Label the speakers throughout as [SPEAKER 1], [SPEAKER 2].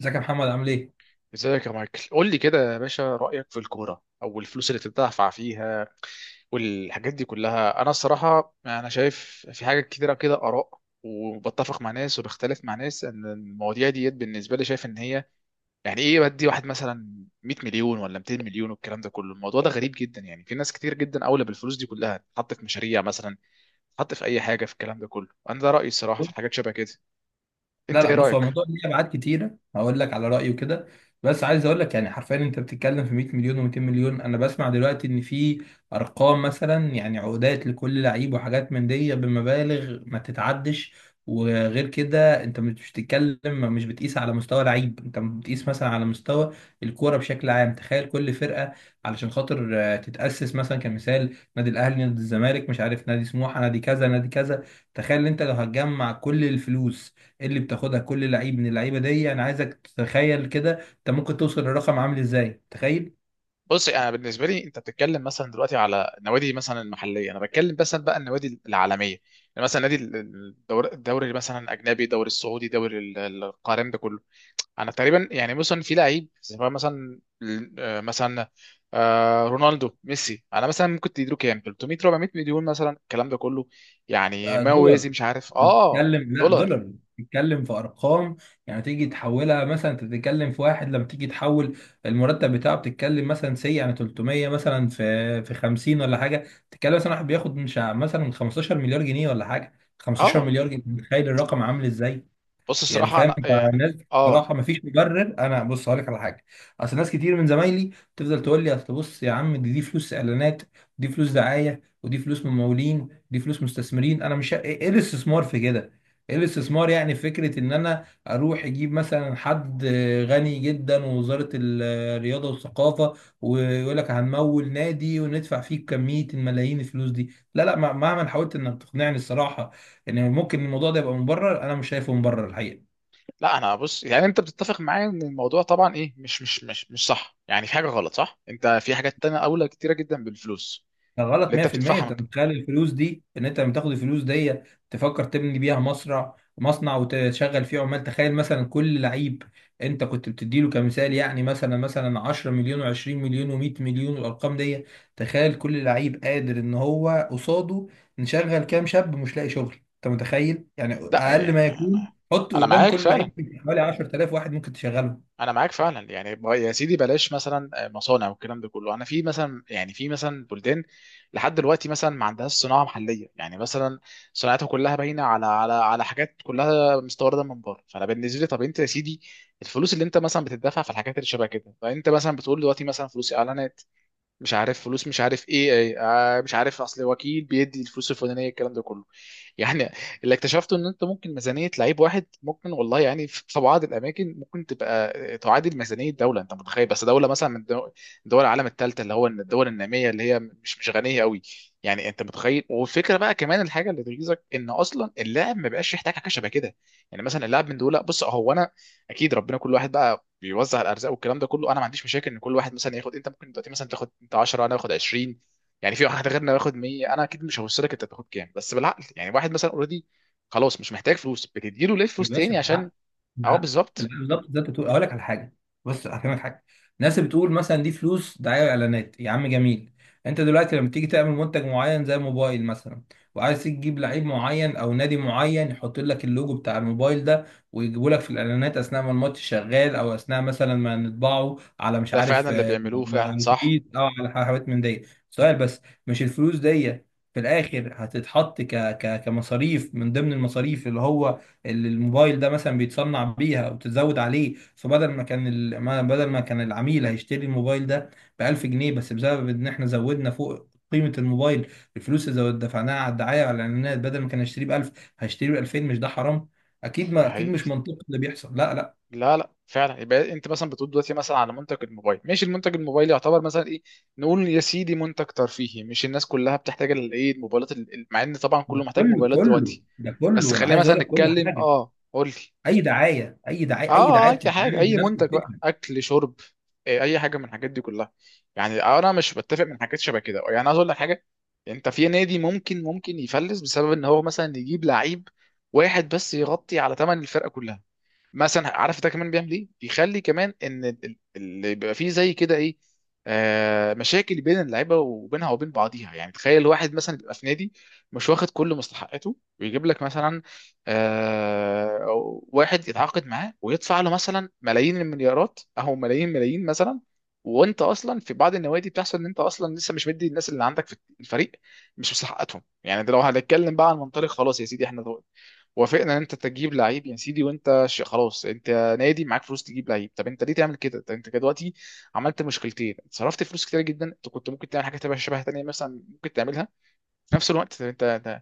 [SPEAKER 1] ازيك يا محمد عامل ايه؟
[SPEAKER 2] ازيك يا مايكل، قول لي كده يا باشا رأيك في الكورة او الفلوس اللي بتدفع فيها والحاجات دي كلها. انا الصراحة، انا شايف في حاجات كتيرة كده آراء، وبتفق مع ناس وبختلف مع ناس. ان المواضيع ديت بالنسبة لي شايف ان هي يعني ايه، بدي واحد مثلا 100 مليون ولا 200 مليون والكلام ده كله. الموضوع ده غريب جدا، يعني في ناس كتير جدا اولى بالفلوس دي كلها تحط في مشاريع، مثلا تحط في اي حاجة، في الكلام ده كله. انا ده رأيي الصراحة في حاجات شبه كده.
[SPEAKER 1] لا
[SPEAKER 2] انت
[SPEAKER 1] لا،
[SPEAKER 2] ايه
[SPEAKER 1] بص، هو
[SPEAKER 2] رأيك؟
[SPEAKER 1] الموضوع ليه ابعاد كتيره. هقول لك على رايي وكده. بس عايز اقول لك يعني حرفيا، انت بتتكلم في 100 مليون و200 مليون. انا بسمع دلوقتي ان في ارقام، مثلا يعني عقودات لكل لعيب، وحاجات من دي بمبالغ ما تتعدش. وغير كده انت مش بتقيس على مستوى لعيب، انت بتقيس مثلا على مستوى الكوره بشكل عام. تخيل كل فرقه علشان خاطر تتاسس، مثلا كمثال نادي الاهلي، نادي الزمالك، مش عارف نادي سموحه، نادي كذا نادي كذا. تخيل انت لو هتجمع كل الفلوس اللي بتاخدها كل لعيب من اللعيبه دي، انا عايزك تتخيل كده انت ممكن توصل للرقم عامل ازاي، تخيل.
[SPEAKER 2] بص، انا بالنسبه لي، انت بتتكلم مثلا دلوقتي على النوادي مثلا المحليه، انا بتكلم مثلا بقى النوادي العالميه، يعني مثلا نادي الدوري، مثلا الاجنبي، الدوري السعودي، دوري القارم ده كله. انا تقريبا يعني مثلا في لعيب سواء مثلا آه، مثلا رونالدو ميسي، انا مثلا ممكن تديله كام، 300 400 مليون مثلا الكلام ده كله، يعني
[SPEAKER 1] آه،
[SPEAKER 2] ما يوازي
[SPEAKER 1] دولار.
[SPEAKER 2] مش عارف
[SPEAKER 1] انت
[SPEAKER 2] اه.
[SPEAKER 1] بتتكلم، لا
[SPEAKER 2] دولار
[SPEAKER 1] دولار، بتتكلم في ارقام. يعني تيجي تحولها، مثلا انت بتتكلم في واحد لما تيجي تحول المرتب بتاعه، بتتكلم مثلا سي يعني 300 مثلا في 50 ولا حاجه. تتكلم مثلا واحد بياخد مش ع- مثلا 15 مليار جنيه ولا حاجه، 15
[SPEAKER 2] اه.
[SPEAKER 1] مليار جنيه. تخيل الرقم عامل ازاي،
[SPEAKER 2] بص
[SPEAKER 1] يعني
[SPEAKER 2] الصراحه
[SPEAKER 1] فاهم؟
[SPEAKER 2] انا يعني،
[SPEAKER 1] فالناس
[SPEAKER 2] اه.
[SPEAKER 1] بصراحه مفيش مبرر. انا بص هقول لك على حاجه، اصل ناس كتير من زمايلي تفضل تقول لي اصل بص يا عم، دي فلوس اعلانات، ودي فلوس دعايه، ودي فلوس ممولين، ودي فلوس مستثمرين. انا مش إيه الاستثمار في كده؟ ايه الاستثمار يعني في فكره ان انا اروح اجيب مثلا حد غني جدا ووزاره الرياضه والثقافه، ويقول لك هنمول نادي وندفع فيه كميه الملايين الفلوس دي؟ لا لا، مهما حاولت انك تقنعني الصراحه، يعني ممكن الموضوع ده يبقى مبرر، انا مش شايفه مبرر الحقيقه.
[SPEAKER 2] لا انا بص يعني انت بتتفق معايا ان الموضوع طبعا ايه مش صح، يعني في حاجه غلط صح. انت في حاجات تانية اولى كتيره جدا بالفلوس
[SPEAKER 1] ده غلط
[SPEAKER 2] اللي انت
[SPEAKER 1] 100%. انت
[SPEAKER 2] بتدفعها.
[SPEAKER 1] متخيل الفلوس دي، ان انت لما تاخد الفلوس دي تفكر تبني بيها مصنع، مصنع وتشغل فيه عمال؟ تخيل مثلا كل لعيب انت كنت بتديله كمثال، يعني مثلا 10 مليون و20 مليون و100 مليون والارقام دي، تخيل كل لعيب قادر ان هو قصاده نشغل كام شاب مش لاقي شغل. انت متخيل يعني؟
[SPEAKER 2] لا
[SPEAKER 1] اقل
[SPEAKER 2] يعني
[SPEAKER 1] ما يكون
[SPEAKER 2] انا،
[SPEAKER 1] حط
[SPEAKER 2] انا
[SPEAKER 1] قدام
[SPEAKER 2] معاك
[SPEAKER 1] كل لعيب
[SPEAKER 2] فعلا.
[SPEAKER 1] حوالي 10,000 واحد ممكن تشغله.
[SPEAKER 2] انا معاك فعلا، يعني يا سيدي بلاش مثلا مصانع والكلام ده كله. انا في مثلا، يعني في مثلا بلدان لحد دلوقتي مثلا ما عندهاش صناعه محليه، يعني مثلا صناعتها كلها باينه على على حاجات كلها مستورده من بره. فانا بالنسبه لي، طب انت يا سيدي الفلوس اللي انت مثلا بتدفع في الحاجات اللي شبه كده، فانت مثلا بتقول دلوقتي مثلا فلوس اعلانات، مش عارف فلوس، مش عارف ايه ايه، مش عارف اصل وكيل بيدي الفلوس الفلانيه الكلام ده كله. يعني اللي اكتشفته ان انت ممكن ميزانيه لعيب واحد ممكن والله، يعني في بعض الاماكن ممكن تبقى تعادل ميزانيه دوله. انت متخيل؟ بس دوله مثلا من دول العالم الثالثه، اللي هو الدول الناميه اللي هي مش غنيه قوي. يعني انت متخيل. والفكره بقى كمان الحاجه اللي تغيظك ان اصلا اللاعب ما بقاش يحتاج حاجه شبه كده. يعني مثلا اللاعب من دول، بص هو، انا اكيد ربنا كل واحد بقى بيوزع الارزاق والكلام ده كله. انا ما عنديش مشاكل ان كل واحد مثلا ياخد، انت ممكن دلوقتي مثلا تاخد انت 10، انا اخد 20، يعني في واحد غيرنا ياخد 100. انا اكيد مش هوصلك انت تاخد كام، بس بالعقل يعني. واحد مثلا اوريدي خلاص مش محتاج فلوس، بتديله ليه
[SPEAKER 1] يا
[SPEAKER 2] فلوس
[SPEAKER 1] باشا
[SPEAKER 2] تاني عشان.
[SPEAKER 1] بالعقل
[SPEAKER 2] اه
[SPEAKER 1] بالعقل
[SPEAKER 2] بالظبط.
[SPEAKER 1] بالعقل، بالظبط زي ما انت بتقول. اقول لك على حاجه، بص هفهمك حاجه. الناس اللي بتقول مثلا دي فلوس دعايه واعلانات، يا عم جميل. انت دلوقتي لما تيجي تعمل منتج معين زي موبايل مثلا، وعايز تجيب لعيب معين او نادي معين يحط لك اللوجو بتاع الموبايل ده ويجيبوا لك في الاعلانات اثناء ما الماتش شغال، او اثناء مثلا ما نطبعه على مش
[SPEAKER 2] ده فعلا
[SPEAKER 1] عارف
[SPEAKER 2] اللي بيعملوه
[SPEAKER 1] على
[SPEAKER 2] فعلا، صح.
[SPEAKER 1] الاتوبيس او على حاجات من دي. سؤال بس، مش الفلوس دي في الاخر هتتحط كمصاريف من ضمن المصاريف اللي الموبايل ده مثلا بيتصنع بيها، وتزود عليه؟ فبدل ما كان ال... ما بدل ما كان العميل هيشتري الموبايل ده ب 1000 جنيه بس، بسبب ان احنا زودنا فوق قيمة الموبايل الفلوس اللي دفعناها على الدعاية، على الإعلانات، بدل ما كان يشتريه ب 1000 هيشتريه ب 2000. مش ده حرام؟
[SPEAKER 2] ده
[SPEAKER 1] أكيد
[SPEAKER 2] حقيقي.
[SPEAKER 1] مش منطقي اللي بيحصل، لا لا.
[SPEAKER 2] لا لا فعلا. يبقى انت مثلا بتقول دلوقتي مثلا على منتج الموبايل، ماشي. المنتج الموبايل يعتبر مثلا ايه، نقول يا سيدي منتج ترفيهي، مش الناس كلها بتحتاج الايه، الموبايلات مع ان طبعا
[SPEAKER 1] ده
[SPEAKER 2] كله محتاج
[SPEAKER 1] كله
[SPEAKER 2] موبايلات
[SPEAKER 1] كله
[SPEAKER 2] دلوقتي.
[SPEAKER 1] ده
[SPEAKER 2] بس
[SPEAKER 1] كله أنا
[SPEAKER 2] خلينا
[SPEAKER 1] عايز
[SPEAKER 2] مثلا
[SPEAKER 1] أقول لك كل
[SPEAKER 2] نتكلم،
[SPEAKER 1] حاجة.
[SPEAKER 2] اه قول لي.
[SPEAKER 1] أي دعاية، أي
[SPEAKER 2] اه
[SPEAKER 1] دعاية، أي دعاية
[SPEAKER 2] اي حاجه،
[SPEAKER 1] بتتعمل
[SPEAKER 2] اي
[SPEAKER 1] بنفس
[SPEAKER 2] منتج بقى،
[SPEAKER 1] الفكرة.
[SPEAKER 2] اكل شرب، اي حاجه من الحاجات دي كلها. يعني انا مش بتفق من حاجات شبه كده. يعني عايز اقول لك حاجه، انت في نادي ممكن يفلس بسبب ان هو مثلا يجيب لعيب واحد بس يغطي على ثمن الفرقه كلها. مثلا عارف ده كمان بيعمل ايه، بيخلي كمان ان اللي بيبقى فيه زي كده ايه، آه، مشاكل بين اللعيبه وبينها وبين بعضيها. يعني تخيل واحد مثلا بيبقى في نادي مش واخد كل مستحقاته ويجيب لك مثلا آه، أو واحد يتعاقد معاه ويدفع له مثلا ملايين المليارات او ملايين ملايين مثلا. وانت اصلا في بعض النوادي بتحصل ان انت اصلا لسه مش مدي الناس اللي عندك في الفريق مش مستحقاتهم. يعني ده لو هنتكلم بقى عن منطلق خلاص يا سيدي احنا وافقنا ان انت تجيب لعيب يا سيدي. وانت خلاص انت نادي معاك فلوس تجيب لعيب، طب انت ليه تعمل كده؟ طب انت كده دلوقتي عملت مشكلتين: صرفت فلوس كتير جدا، انت كنت ممكن تعمل حاجه تبقى شبه تانية مثلا ممكن تعملها في نفس الوقت. انت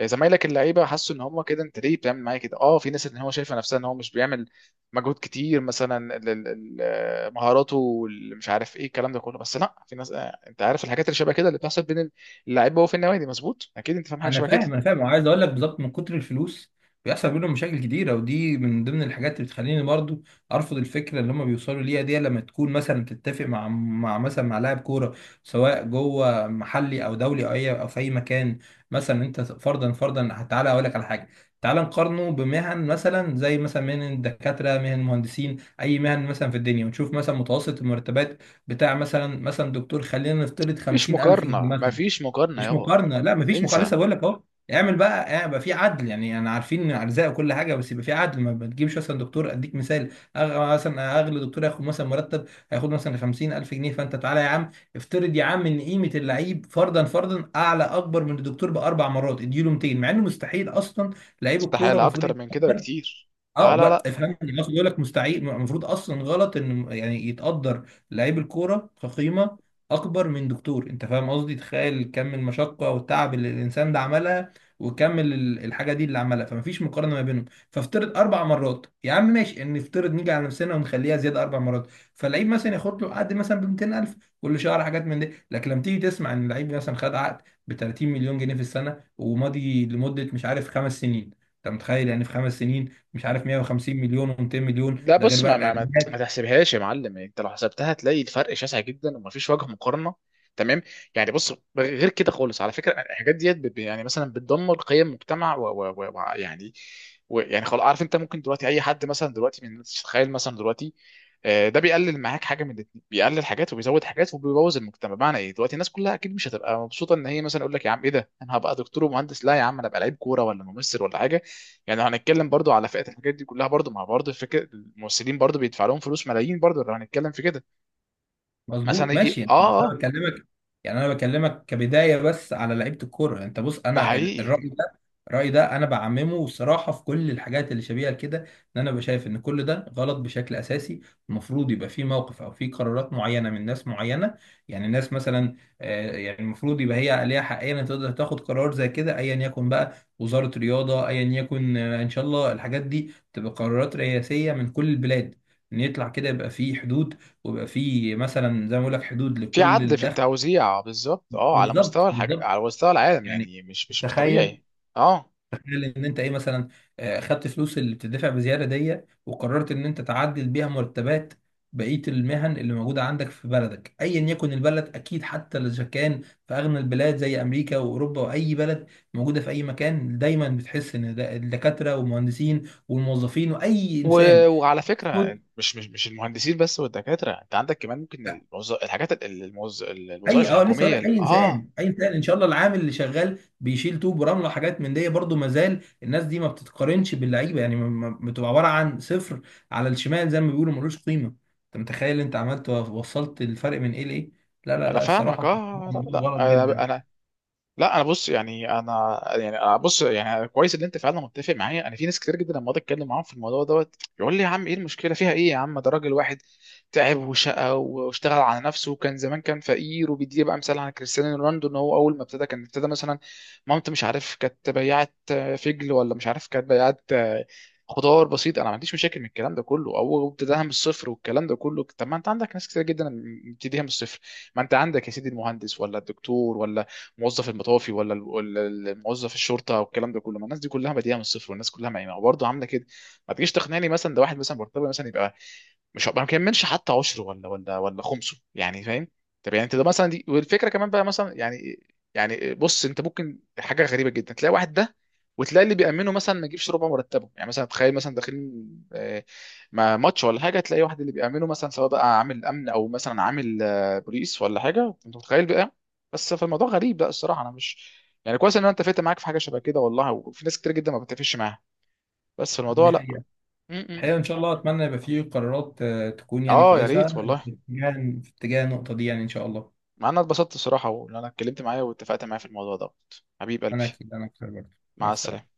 [SPEAKER 2] زمايلك اللعيبه حسوا ان هم كده، انت ليه بتعمل معايا كده؟ اه في ناس ان هو شايفه نفسها ان هو مش بيعمل مجهود كتير، مثلا مهاراته مش عارف ايه الكلام ده كله. بس لا، في ناس انت عارف الحاجات اللي شبه كده اللي بتحصل بين اللعيبه وفي النوادي. مظبوط، اكيد انت فاهم حاجه
[SPEAKER 1] انا
[SPEAKER 2] شبه كده.
[SPEAKER 1] فاهم انا فاهم وعايز اقول لك بالظبط من كتر الفلوس بيحصل بينهم مشاكل كتيره، ودي من ضمن الحاجات اللي بتخليني برضو ارفض الفكره اللي هم بيوصلوا ليها دي. لما تكون مثلا تتفق مع لاعب كوره، سواء جوه محلي او دولي او في اي مكان، مثلا انت فرضا فرضا تعالى اقول لك على حاجه. تعالى نقارنه بمهن، مثلا زي مثلا مهن الدكاتره، مهن المهندسين، اي مهن مثلا في الدنيا، ونشوف مثلا متوسط المرتبات بتاع مثلا دكتور، خلينا نفترض
[SPEAKER 2] مفيش
[SPEAKER 1] 50,000 جنيه
[SPEAKER 2] مقارنه،
[SPEAKER 1] مثلا.
[SPEAKER 2] مفيش مقارنه
[SPEAKER 1] مش
[SPEAKER 2] يابا.
[SPEAKER 1] مقارنه، لا مفيش مقارنه،
[SPEAKER 2] انسى.
[SPEAKER 1] لسه بقول لك اهو. اعمل بقى يبقى في عدل، يعني عارفين ارزاق وكل حاجه، بس يبقى في عدل. ما تجيبش مثلا دكتور، اديك مثال مثلا اغلى دكتور هياخد مثلا 50,000 جنيه. فانت تعالى يا عم افترض يا عم ان قيمه اللعيب فرضا فرضا اكبر من الدكتور باربع مرات، اديله 200، مع انه مستحيل اصلا. لعيب الكوره
[SPEAKER 2] استحالة
[SPEAKER 1] المفروض،
[SPEAKER 2] اكتر من كده بكتير. لا
[SPEAKER 1] اه
[SPEAKER 2] لا
[SPEAKER 1] بقى
[SPEAKER 2] لا.
[SPEAKER 1] افهمني، المصري بيقول لك مستحيل، المفروض اصلا غلط ان يعني يتقدر لعيب الكوره كقيمه اكبر من دكتور. انت فاهم قصدي؟ تخيل كم المشقه والتعب اللي الانسان ده عملها، وكم الحاجه دي اللي عملها. فمفيش مقارنه ما بينهم. فافترض 4 مرات يا عم ماشي، ان نفترض نيجي على نفسنا ونخليها زياده 4 مرات، فاللعيب مثلا ياخد له عقد مثلا ب 200,000 كل شهر، حاجات من دي. لكن لما تيجي تسمع ان اللعيب مثلا خد عقد ب 30 مليون جنيه في السنه، وماضي لمده مش عارف 5 سنين. انت متخيل يعني في 5 سنين مش عارف 150 مليون و200 مليون،
[SPEAKER 2] لا
[SPEAKER 1] ده غير
[SPEAKER 2] بص،
[SPEAKER 1] بقى
[SPEAKER 2] ما
[SPEAKER 1] الاعلانات؟
[SPEAKER 2] تحسبهاش يا معلم، انت لو حسبتها هتلاقي الفرق شاسع جدا ومفيش وجه مقارنة. تمام. يعني بص، غير كده خالص، على فكرة الحاجات ديت يعني مثلا بتدمر قيم مجتمع و يعني، و يعني خلاص. عارف، انت ممكن دلوقتي اي حد مثلا دلوقتي من الناس، تخيل مثلا دلوقتي ده بيقلل معاك حاجه من الاتنين، بيقلل حاجات وبيزود حاجات وبيبوظ المجتمع. بمعنى ايه؟ دلوقتي الناس كلها اكيد مش هتبقى مبسوطه ان هي مثلا يقول لك يا عم ايه ده، انا هبقى دكتور ومهندس؟ لا يا عم، انا ابقى لعيب كوره ولا ممثل ولا حاجه. يعني لو هنتكلم برضو على فئات الحاجات دي كلها برضو، مع برضو فكره الممثلين برضو بيدفع لهم فلوس ملايين، برضو لو هنتكلم في كده. مثلا
[SPEAKER 1] مظبوط ماشي
[SPEAKER 2] يجي
[SPEAKER 1] يعني،
[SPEAKER 2] اه
[SPEAKER 1] انا
[SPEAKER 2] اه.
[SPEAKER 1] بكلمك انا بكلمك كبدايه بس على لعيبه الكوره. انت بص
[SPEAKER 2] ده
[SPEAKER 1] انا
[SPEAKER 2] حقيقي.
[SPEAKER 1] الراي ده انا بعممه صراحه في كل الحاجات اللي شبيهه كده. ان انا بشايف ان كل ده غلط بشكل اساسي. المفروض يبقى في موقف او في قرارات معينه من ناس معينه، يعني ناس مثلا يعني المفروض يبقى هي ليها حقيه ان تقدر تاخد قرار زي كده، ايا يكن بقى وزاره رياضه، ايا يكن. ان شاء الله الحاجات دي تبقى قرارات رئاسيه من كل البلاد، ان يطلع كده يبقى في حدود، ويبقى في مثلا زي ما بقول لك حدود
[SPEAKER 2] في
[SPEAKER 1] لكل
[SPEAKER 2] عدل في
[SPEAKER 1] الدخل.
[SPEAKER 2] التوزيع بالظبط، اه، على
[SPEAKER 1] بالظبط
[SPEAKER 2] مستوى الحاجة،
[SPEAKER 1] بالظبط،
[SPEAKER 2] على مستوى العالم،
[SPEAKER 1] يعني
[SPEAKER 2] يعني مش
[SPEAKER 1] تخيل
[SPEAKER 2] طبيعي. اه.
[SPEAKER 1] تخيل ان انت ايه، مثلا خدت فلوس اللي بتدفع بزياده دي وقررت ان انت تعدل بيها مرتبات بقيه المهن اللي موجوده عندك في بلدك، ايا يكن البلد. اكيد حتى اذا كان في اغنى البلاد زي امريكا واوروبا واي بلد موجوده في اي مكان، دايما بتحس ان الدكاتره والمهندسين والموظفين واي
[SPEAKER 2] و...
[SPEAKER 1] انسان،
[SPEAKER 2] وعلى فكره، مش المهندسين بس والدكاتره، انت عندك كمان ممكن الموز... الحاجات ال- الموز...
[SPEAKER 1] اي
[SPEAKER 2] الوظائف
[SPEAKER 1] لسه هقول
[SPEAKER 2] الحكوميه
[SPEAKER 1] لك، اي
[SPEAKER 2] اه.
[SPEAKER 1] انسان اي انسان، ان شاء الله العامل اللي شغال بيشيل طوب ورمله وحاجات من دي برضه، ما زال الناس دي ما بتتقارنش باللعيبه. يعني بتبقى عباره عن صفر على الشمال زي ما بيقولوا، ملوش قيمه. انت متخيل؟ انت عملت وصلت الفرق من ايه لايه. لا لا
[SPEAKER 2] انا
[SPEAKER 1] لا،
[SPEAKER 2] فاهمك
[SPEAKER 1] الصراحه
[SPEAKER 2] اه.
[SPEAKER 1] الموضوع
[SPEAKER 2] لا.
[SPEAKER 1] غلط
[SPEAKER 2] لا
[SPEAKER 1] جدا.
[SPEAKER 2] انا، لا انا بص يعني انا يعني أنا بص يعني كويس ان انت فعلا متفق معايا. انا في ناس كتير جدا لما اقعد اتكلم معاهم في الموضوع دوت يقول لي يا عم ايه المشكله فيها؟ ايه يا عم؟ ده راجل واحد تعب وشقى واشتغل على نفسه وكان زمان كان فقير، وبيدي بقى مثال عن كريستيانو رونالدو، ان هو اول ما ابتدى كان ابتدى مثلا مامته مش عارف كانت بياعه فجل ولا مش عارف كانت بياعه خضار بسيط. انا ما عنديش مشاكل من الكلام ده كله، او ابتداها من الصفر والكلام ده كله. طب ما انت عندك ناس كتير جدا مبتديها من الصفر. ما انت عندك يا سيدي المهندس، ولا الدكتور، ولا موظف المطافي، ولا موظف الشرطه والكلام ده كله. ما الناس دي كلها بادئه من الصفر، والناس كلها ما برضه عامله كده. ما تجيش تقنعني مثلا ده واحد مثلا مرتبه مثلا يبقى مش، ما كملش حتى 10 ولا ولا خمسه يعني، فاهم؟ طب يعني انت ده مثلا دي، والفكره كمان بقى مثلا يعني. يعني بص انت ممكن حاجه غريبه جدا، تلاقي واحد ده وتلاقي اللي بيأمنه مثلا ما يجيبش ربع مرتبه. يعني مثلا تخيل مثلا داخلين مع ماتش ولا حاجه، تلاقي واحد اللي بيأمنه مثلا سواء بقى عامل امن، او مثلا عامل بوليس ولا حاجه. انت متخيل؟ بس فالموضوع غريب، لا الصراحه انا مش، يعني كويس ان انا اتفقت معاك في حاجه شبه كده والله، وفي ناس كتير جدا ما بتتفقش معاها بس في الموضوع،
[SPEAKER 1] دي
[SPEAKER 2] لا.
[SPEAKER 1] حقيقه.
[SPEAKER 2] م- م-
[SPEAKER 1] الحقيقه ان
[SPEAKER 2] م.
[SPEAKER 1] شاء الله اتمنى يبقى فيه قرارات تكون يعني
[SPEAKER 2] اه يا
[SPEAKER 1] كويسه
[SPEAKER 2] ريت والله.
[SPEAKER 1] في اتجاه، النقطه دي يعني ان شاء الله.
[SPEAKER 2] مع ان أنا اتبسطت الصراحه، وان انا اتكلمت معايا واتفقت معايا في الموضوع ده. حبيب قلبي.
[SPEAKER 1] انا اكيد انا اكتر برضه. مع
[SPEAKER 2] مع السلامه.
[SPEAKER 1] السلامه.